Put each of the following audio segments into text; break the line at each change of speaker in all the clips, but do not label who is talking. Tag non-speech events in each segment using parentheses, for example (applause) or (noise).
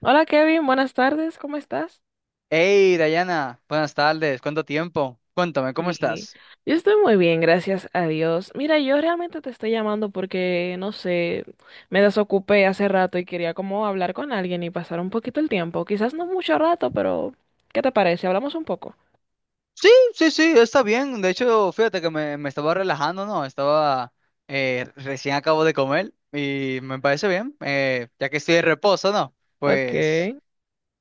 Hola Kevin, buenas tardes, ¿cómo estás?
Hey, Dayana, buenas tardes, ¿cuánto tiempo? Cuéntame, ¿cómo
Y
estás?
yo estoy muy bien, gracias a Dios. Mira, yo realmente te estoy llamando porque, no sé, me desocupé hace rato y quería como hablar con alguien y pasar un poquito el tiempo. Quizás no mucho rato, pero ¿qué te parece? Hablamos un poco.
Sí, sí, sí, está bien. De hecho, fíjate que me estaba relajando, ¿no? Estaba recién acabo de comer y me parece bien, ya que estoy de reposo, ¿no?
Ok,
Pues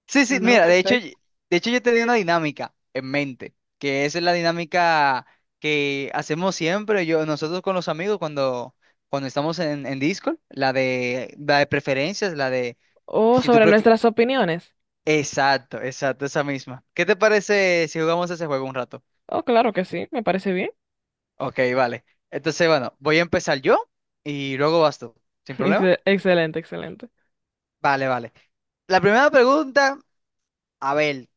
sí, sí,
ah, no,
mira, de hecho,
perfecto.
de hecho yo tenía una dinámica en mente, que esa es la dinámica que hacemos siempre, yo, nosotros con los amigos cuando estamos en Discord, la de preferencias, la de
O
si tú
sobre
pref-
nuestras opiniones.
exacto, exacto, esa misma. ¿Qué te parece si jugamos ese juego un rato?
Oh, claro que sí, me parece bien.
Ok, vale. Entonces, bueno, voy a empezar yo y luego vas tú. ¿Sin
(laughs)
problema?
Excelente, excelente.
Vale, vale. La primera pregunta, a ver,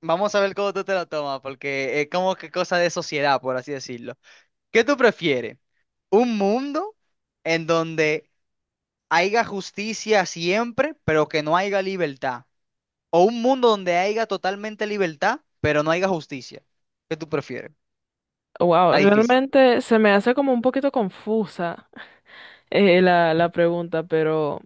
vamos a ver cómo tú te la tomas, porque es como que cosa de sociedad, por así decirlo. ¿Qué tú prefieres? ¿Un mundo en donde haya justicia siempre, pero que no haya libertad? ¿O un mundo donde haya totalmente libertad, pero no haya justicia? ¿Qué tú prefieres?
Wow,
Está difícil.
realmente se me hace como un poquito confusa, (laughs) la pregunta, pero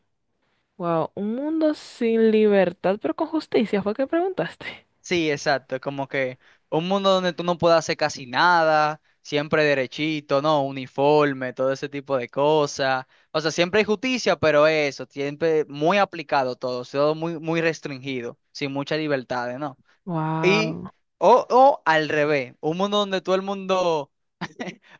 Wow, un mundo sin libertad, pero con justicia, fue que preguntaste.
Sí, exacto. Como que un mundo donde tú no puedes hacer casi nada, siempre derechito, ¿no? Uniforme, todo ese tipo de cosas. O sea, siempre hay justicia, pero eso, siempre muy aplicado todo, todo muy, muy restringido, sin muchas libertades, ¿no? Y,
Wow.
o al revés, un mundo donde todo el mundo,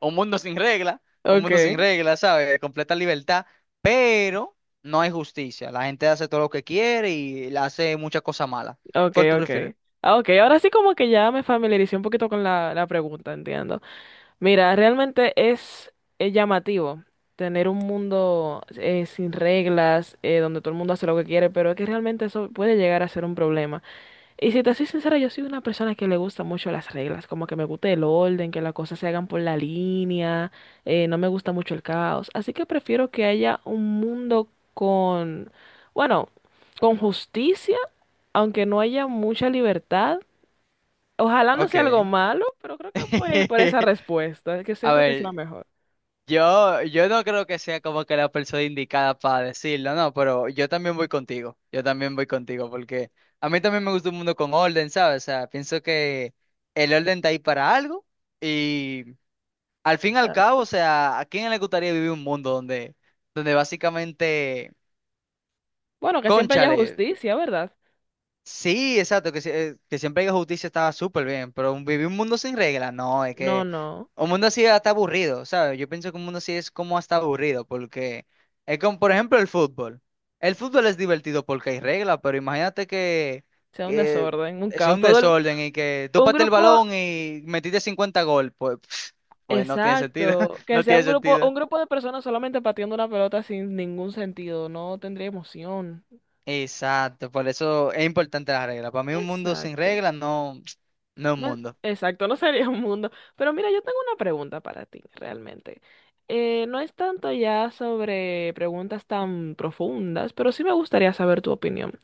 un mundo sin regla, un mundo
Okay,
sin regla, ¿sabes? De completa libertad, pero no hay justicia. La gente hace todo lo que quiere y le hace muchas cosas malas. ¿Cuál
okay,
tú prefieres?
okay. Ah, okay, ahora sí como que ya me familiaricé un poquito con la pregunta, entiendo. Mira, realmente es llamativo tener un mundo sin reglas, donde todo el mundo hace lo que quiere, pero es que realmente eso puede llegar a ser un problema. Y si te soy sincera, yo soy una persona que le gusta mucho las reglas, como que me gusta el orden, que las cosas se hagan por la línea, no me gusta mucho el caos, así que prefiero que haya un mundo con, bueno, con justicia, aunque no haya mucha libertad. Ojalá no
Ok.
sea algo malo, pero creo que voy a ir por esa
(laughs)
respuesta, que
A
siento que es la
ver,
mejor.
yo no creo que sea como que la persona indicada para decirlo, no, pero yo también voy contigo, yo también voy contigo, porque a mí también me gusta un mundo con orden, ¿sabes? O sea, pienso que el orden está ahí para algo y al fin y al cabo,
Exacto.
o sea, ¿a quién le gustaría vivir un mundo donde básicamente,
Bueno, que siempre haya
cónchale?
justicia, ¿verdad?
Sí, exacto, que, si- que siempre hay justicia estaba súper bien, pero vivir un mundo sin reglas, no, es
No,
que
no,
un mundo así está aburrido, ¿sabes? Yo pienso que un mundo así es como hasta aburrido, porque es como, por ejemplo, el fútbol. El fútbol es divertido porque hay reglas, pero imagínate
sea un
que
desorden, un
es
caos.
un desorden y que tú
Un
pateas el
grupo,
balón y metiste 50 gol, pues, (laughs) pues no tiene sentido, (laughs)
Exacto, que
no
sea
tiene sentido.
un grupo de personas solamente pateando una pelota sin ningún sentido, no tendría emoción.
Exacto, por eso es importante las reglas. Para mí un mundo sin
Exacto.
reglas no, (tsk) no es un
No,
mundo.
exacto, no sería un mundo. Pero mira, yo tengo una pregunta para ti, realmente. No es tanto ya sobre preguntas tan profundas, pero sí me gustaría saber tu opinión.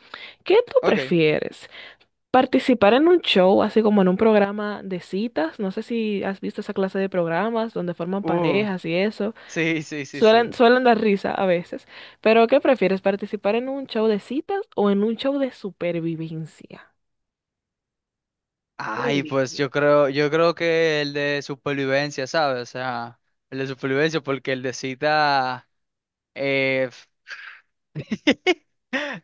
¿Qué tú
Ok.
prefieres? ¿Participar en un show, así como en un programa de citas? No sé si has visto esa clase de programas donde forman
Uh,
parejas y eso.
sí, sí, sí, sí.
Suelen dar risa a veces. Pero ¿qué prefieres? ¿Participar en un show de citas o en un show de supervivencia? Qué
Ay, pues
lindo.
yo creo que el de supervivencia, ¿sabes? O sea, el de supervivencia, porque el de cita,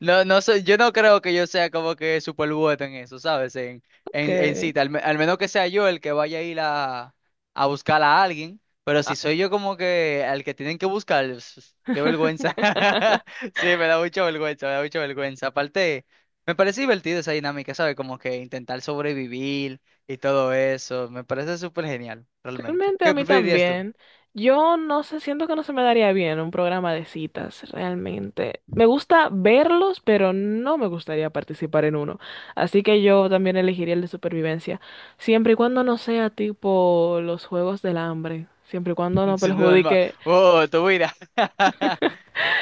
no, no sé, yo no creo que yo sea como que super bueno en eso, ¿sabes? En
Que
cita, al menos que sea yo el que vaya a ir a buscar a alguien, pero
ah.
si soy yo como que al que tienen que buscar, qué vergüenza.
(laughs)
(laughs) Sí, me da mucha vergüenza, me da mucha vergüenza. Aparte, me parece divertido esa dinámica, ¿sabes? Como que intentar sobrevivir y todo eso, me parece súper genial, realmente.
Realmente a
¿Qué
mí
preferirías tú?
también. Yo no sé, siento que no se me daría bien un programa de citas, realmente. Me gusta verlos, pero no me gustaría participar en uno. Así que yo también elegiría el de supervivencia, siempre y cuando no sea tipo los Juegos del Hambre, siempre y cuando
(laughs)
no
Sin duda,
perjudique.
tu vida. (laughs)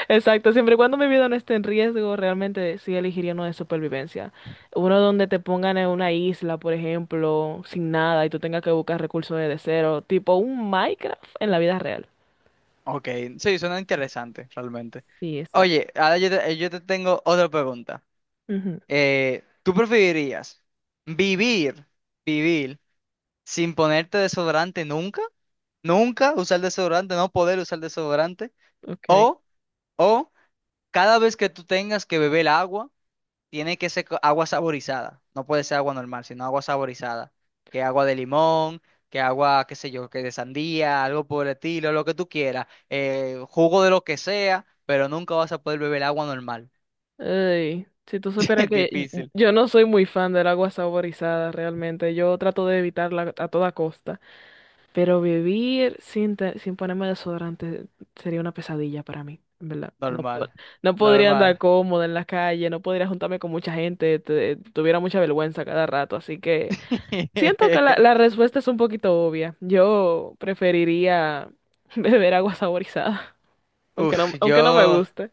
Exacto, siempre y cuando mi vida no esté en riesgo, realmente sí elegiría uno de supervivencia. Uno donde te pongan en una isla, por ejemplo, sin nada y tú tengas que buscar recursos desde cero, tipo un Minecraft en la vida real.
Ok, sí, suena interesante, realmente.
Sí, exacto.
Oye, ahora yo te tengo otra pregunta.
Ujú,
¿Tú preferirías vivir, vivir sin ponerte desodorante nunca? ¿Nunca usar desodorante, no poder usar desodorante?
okay.
¿O, o cada vez que tú tengas que beber agua, tiene que ser agua saborizada? No puede ser agua normal, sino agua saborizada. Que agua de limón, que agua, qué sé yo, que de sandía, algo por el estilo, lo que tú quieras. Jugo de lo que sea, pero nunca vas a poder beber agua normal.
Ey, si tú supieras
(laughs)
que
Difícil.
yo no soy muy fan del agua saborizada, realmente. Yo trato de evitarla a toda costa. Pero vivir sin ponerme desodorante sería una pesadilla para mí, en verdad.
Normal.
No podría
Normal.
andar cómoda en la calle, no podría juntarme con mucha gente, tuviera mucha vergüenza cada rato. Así que siento que la
(laughs)
respuesta es un poquito obvia. Yo preferiría (laughs) beber agua saborizada,
Uf, yo.
aunque no me guste.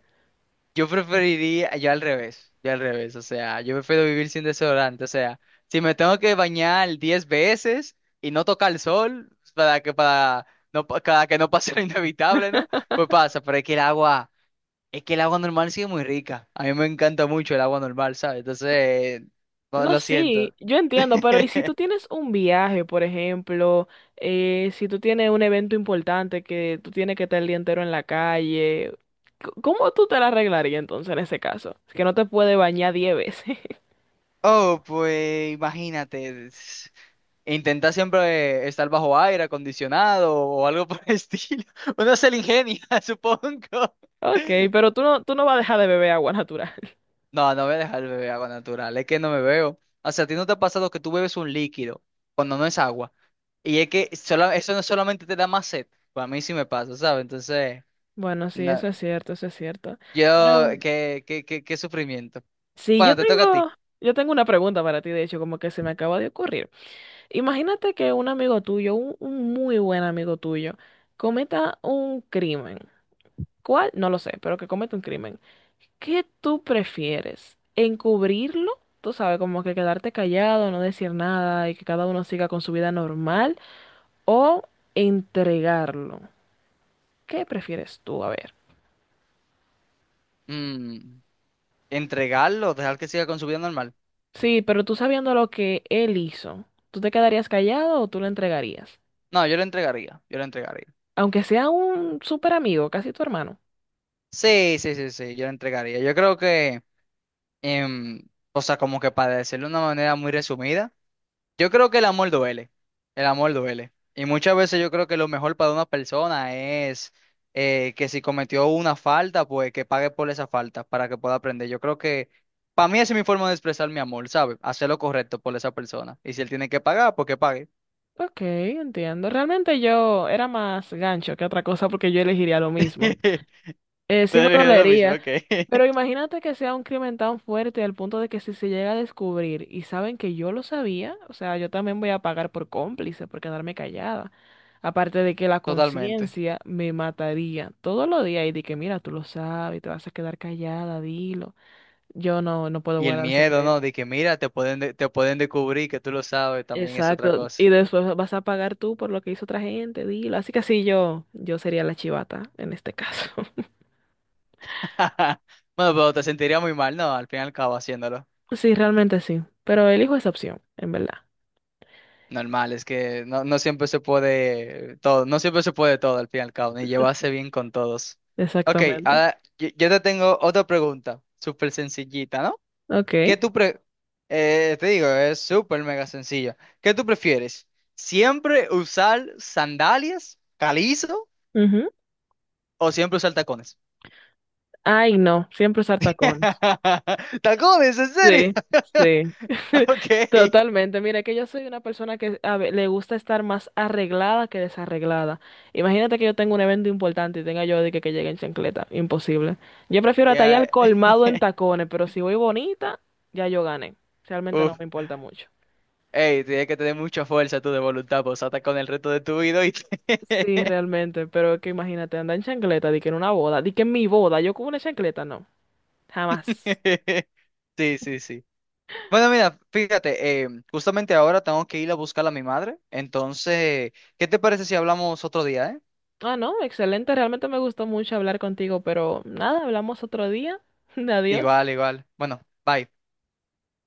Yo preferiría, yo al revés, o sea, yo prefiero vivir sin desodorante, o sea, si me tengo que bañar 10 veces y no tocar el sol para que para no para que no pase lo inevitable, ¿no? Pues pasa, pero es que el agua normal sí es muy rica. A mí me encanta mucho el agua normal, ¿sabes? Entonces, no,
No,
lo
sí,
siento.
yo entiendo, pero ¿y si
(laughs)
tú tienes un viaje, por ejemplo, si tú tienes un evento importante que tú tienes que estar el día entero en la calle, ¿cómo tú te la arreglarías entonces en ese caso? Es que no te puede bañar 10 veces. (laughs)
Oh, pues imagínate. Intenta siempre estar bajo aire acondicionado o algo por el estilo. (laughs) Uno se le ingenia, (laughs) supongo.
Ok, pero tú no vas a dejar de beber agua natural. (laughs)
No, no voy a dejar el bebé agua natural, es que no me veo. O sea, ¿a ti no te ha pasado que tú bebes un líquido cuando no es agua? Y es que eso no solamente te da más sed, para mí sí me pasa, ¿sabes? Entonces,
Bueno, sí,
no,
eso es cierto, eso es cierto.
yo,
Pero
qué sufrimiento.
sí,
Bueno, te toca a ti.
yo tengo una pregunta para ti, de hecho, como que se me acaba de ocurrir. Imagínate que un amigo tuyo, un muy buen amigo tuyo, cometa un crimen. ¿Cuál? No lo sé, pero que comete un crimen. ¿Qué tú prefieres? ¿Encubrirlo? Tú sabes, como que quedarte callado, no decir nada y que cada uno siga con su vida normal. ¿O entregarlo? ¿Qué prefieres tú? A ver.
Mm, ¿entregarlo o dejar que siga con su vida normal?
Sí, pero tú sabiendo lo que él hizo, ¿tú te quedarías callado o tú lo entregarías?
No, yo lo entregaría, yo lo entregaría.
Aunque sea un súper amigo, casi tu hermano.
Sí, sí, sí, sí, yo lo entregaría. Yo creo que, em, o sea, como que para decirlo de una manera muy resumida, yo creo que el amor duele, el amor duele. Y muchas veces yo creo que lo mejor para una persona es que si cometió una falta, pues que pague por esa falta para que pueda aprender. Yo creo que para mí esa es mi forma de expresar mi amor, ¿sabes? Hacer lo correcto por esa persona. Y si él tiene que pagar, pues que pague.
Ok, entiendo. Realmente yo era más gancho que otra cosa porque yo elegiría lo mismo.
(laughs)
Sí me
Te dije lo mismo,
dolería,
ok.
pero
(laughs)
imagínate que sea un crimen tan fuerte al punto de que si se llega a descubrir y saben que yo lo sabía, o sea, yo también voy a pagar por cómplice, por quedarme callada. Aparte de que la
Totalmente.
conciencia me mataría todos los días y de que, mira, tú lo sabes, te vas a quedar callada, dilo. Yo no, no puedo
Y el
guardar
miedo, ¿no?
secreto.
De que mira, te pueden descubrir que tú lo sabes, también es otra
Exacto.
cosa.
Y después vas a pagar tú por lo que hizo otra gente, dilo. Así que sí, yo sería la chivata en este caso. (laughs)
(laughs) Bueno, pero te sentiría muy mal, ¿no? Al fin y al cabo haciéndolo.
Sí, realmente sí. Pero elijo esa opción, en verdad.
Normal, es que no, no siempre se puede todo, no siempre se puede todo al fin y al cabo, ni llevarse bien con todos. Ok,
Exactamente.
ahora yo te tengo otra pregunta, súper sencillita, ¿no?
Ok.
¿Qué tú pre- Te digo, es súper mega sencillo. ¿Qué tú prefieres? ¿Siempre usar sandalias, calizo,
Ujú.
o siempre usar tacones?
Ay, no, siempre usar tacones.
(laughs) ¡Tacones, en serio!
Sí,
(laughs)
sí. (laughs)
Ok.
Totalmente. Mira, que yo soy una persona que le gusta estar más arreglada que desarreglada. Imagínate que yo tengo un evento importante y tenga yo que llegue en chancleta. Imposible. Yo prefiero atallar
Ya.
al colmado en
(laughs)
tacones, pero si voy bonita, ya yo gané. Realmente no
Uf.
me importa mucho.
Ey, tienes que tener mucha fuerza tú de voluntad, pues ata con el resto de tu vida y (laughs)
Sí, realmente, pero es que imagínate, andar en chancleta, di que en una boda, di que en mi boda, yo con una chancleta, no, jamás.
sí, sí, sí. Bueno, mira, fíjate, justamente ahora tengo que ir a buscar a mi madre. Entonces, ¿qué te parece si hablamos otro día, eh?
Ah, no, excelente. Realmente me gustó mucho hablar contigo, pero nada, hablamos otro día. (laughs) Adiós.
Igual, igual. Bueno, bye.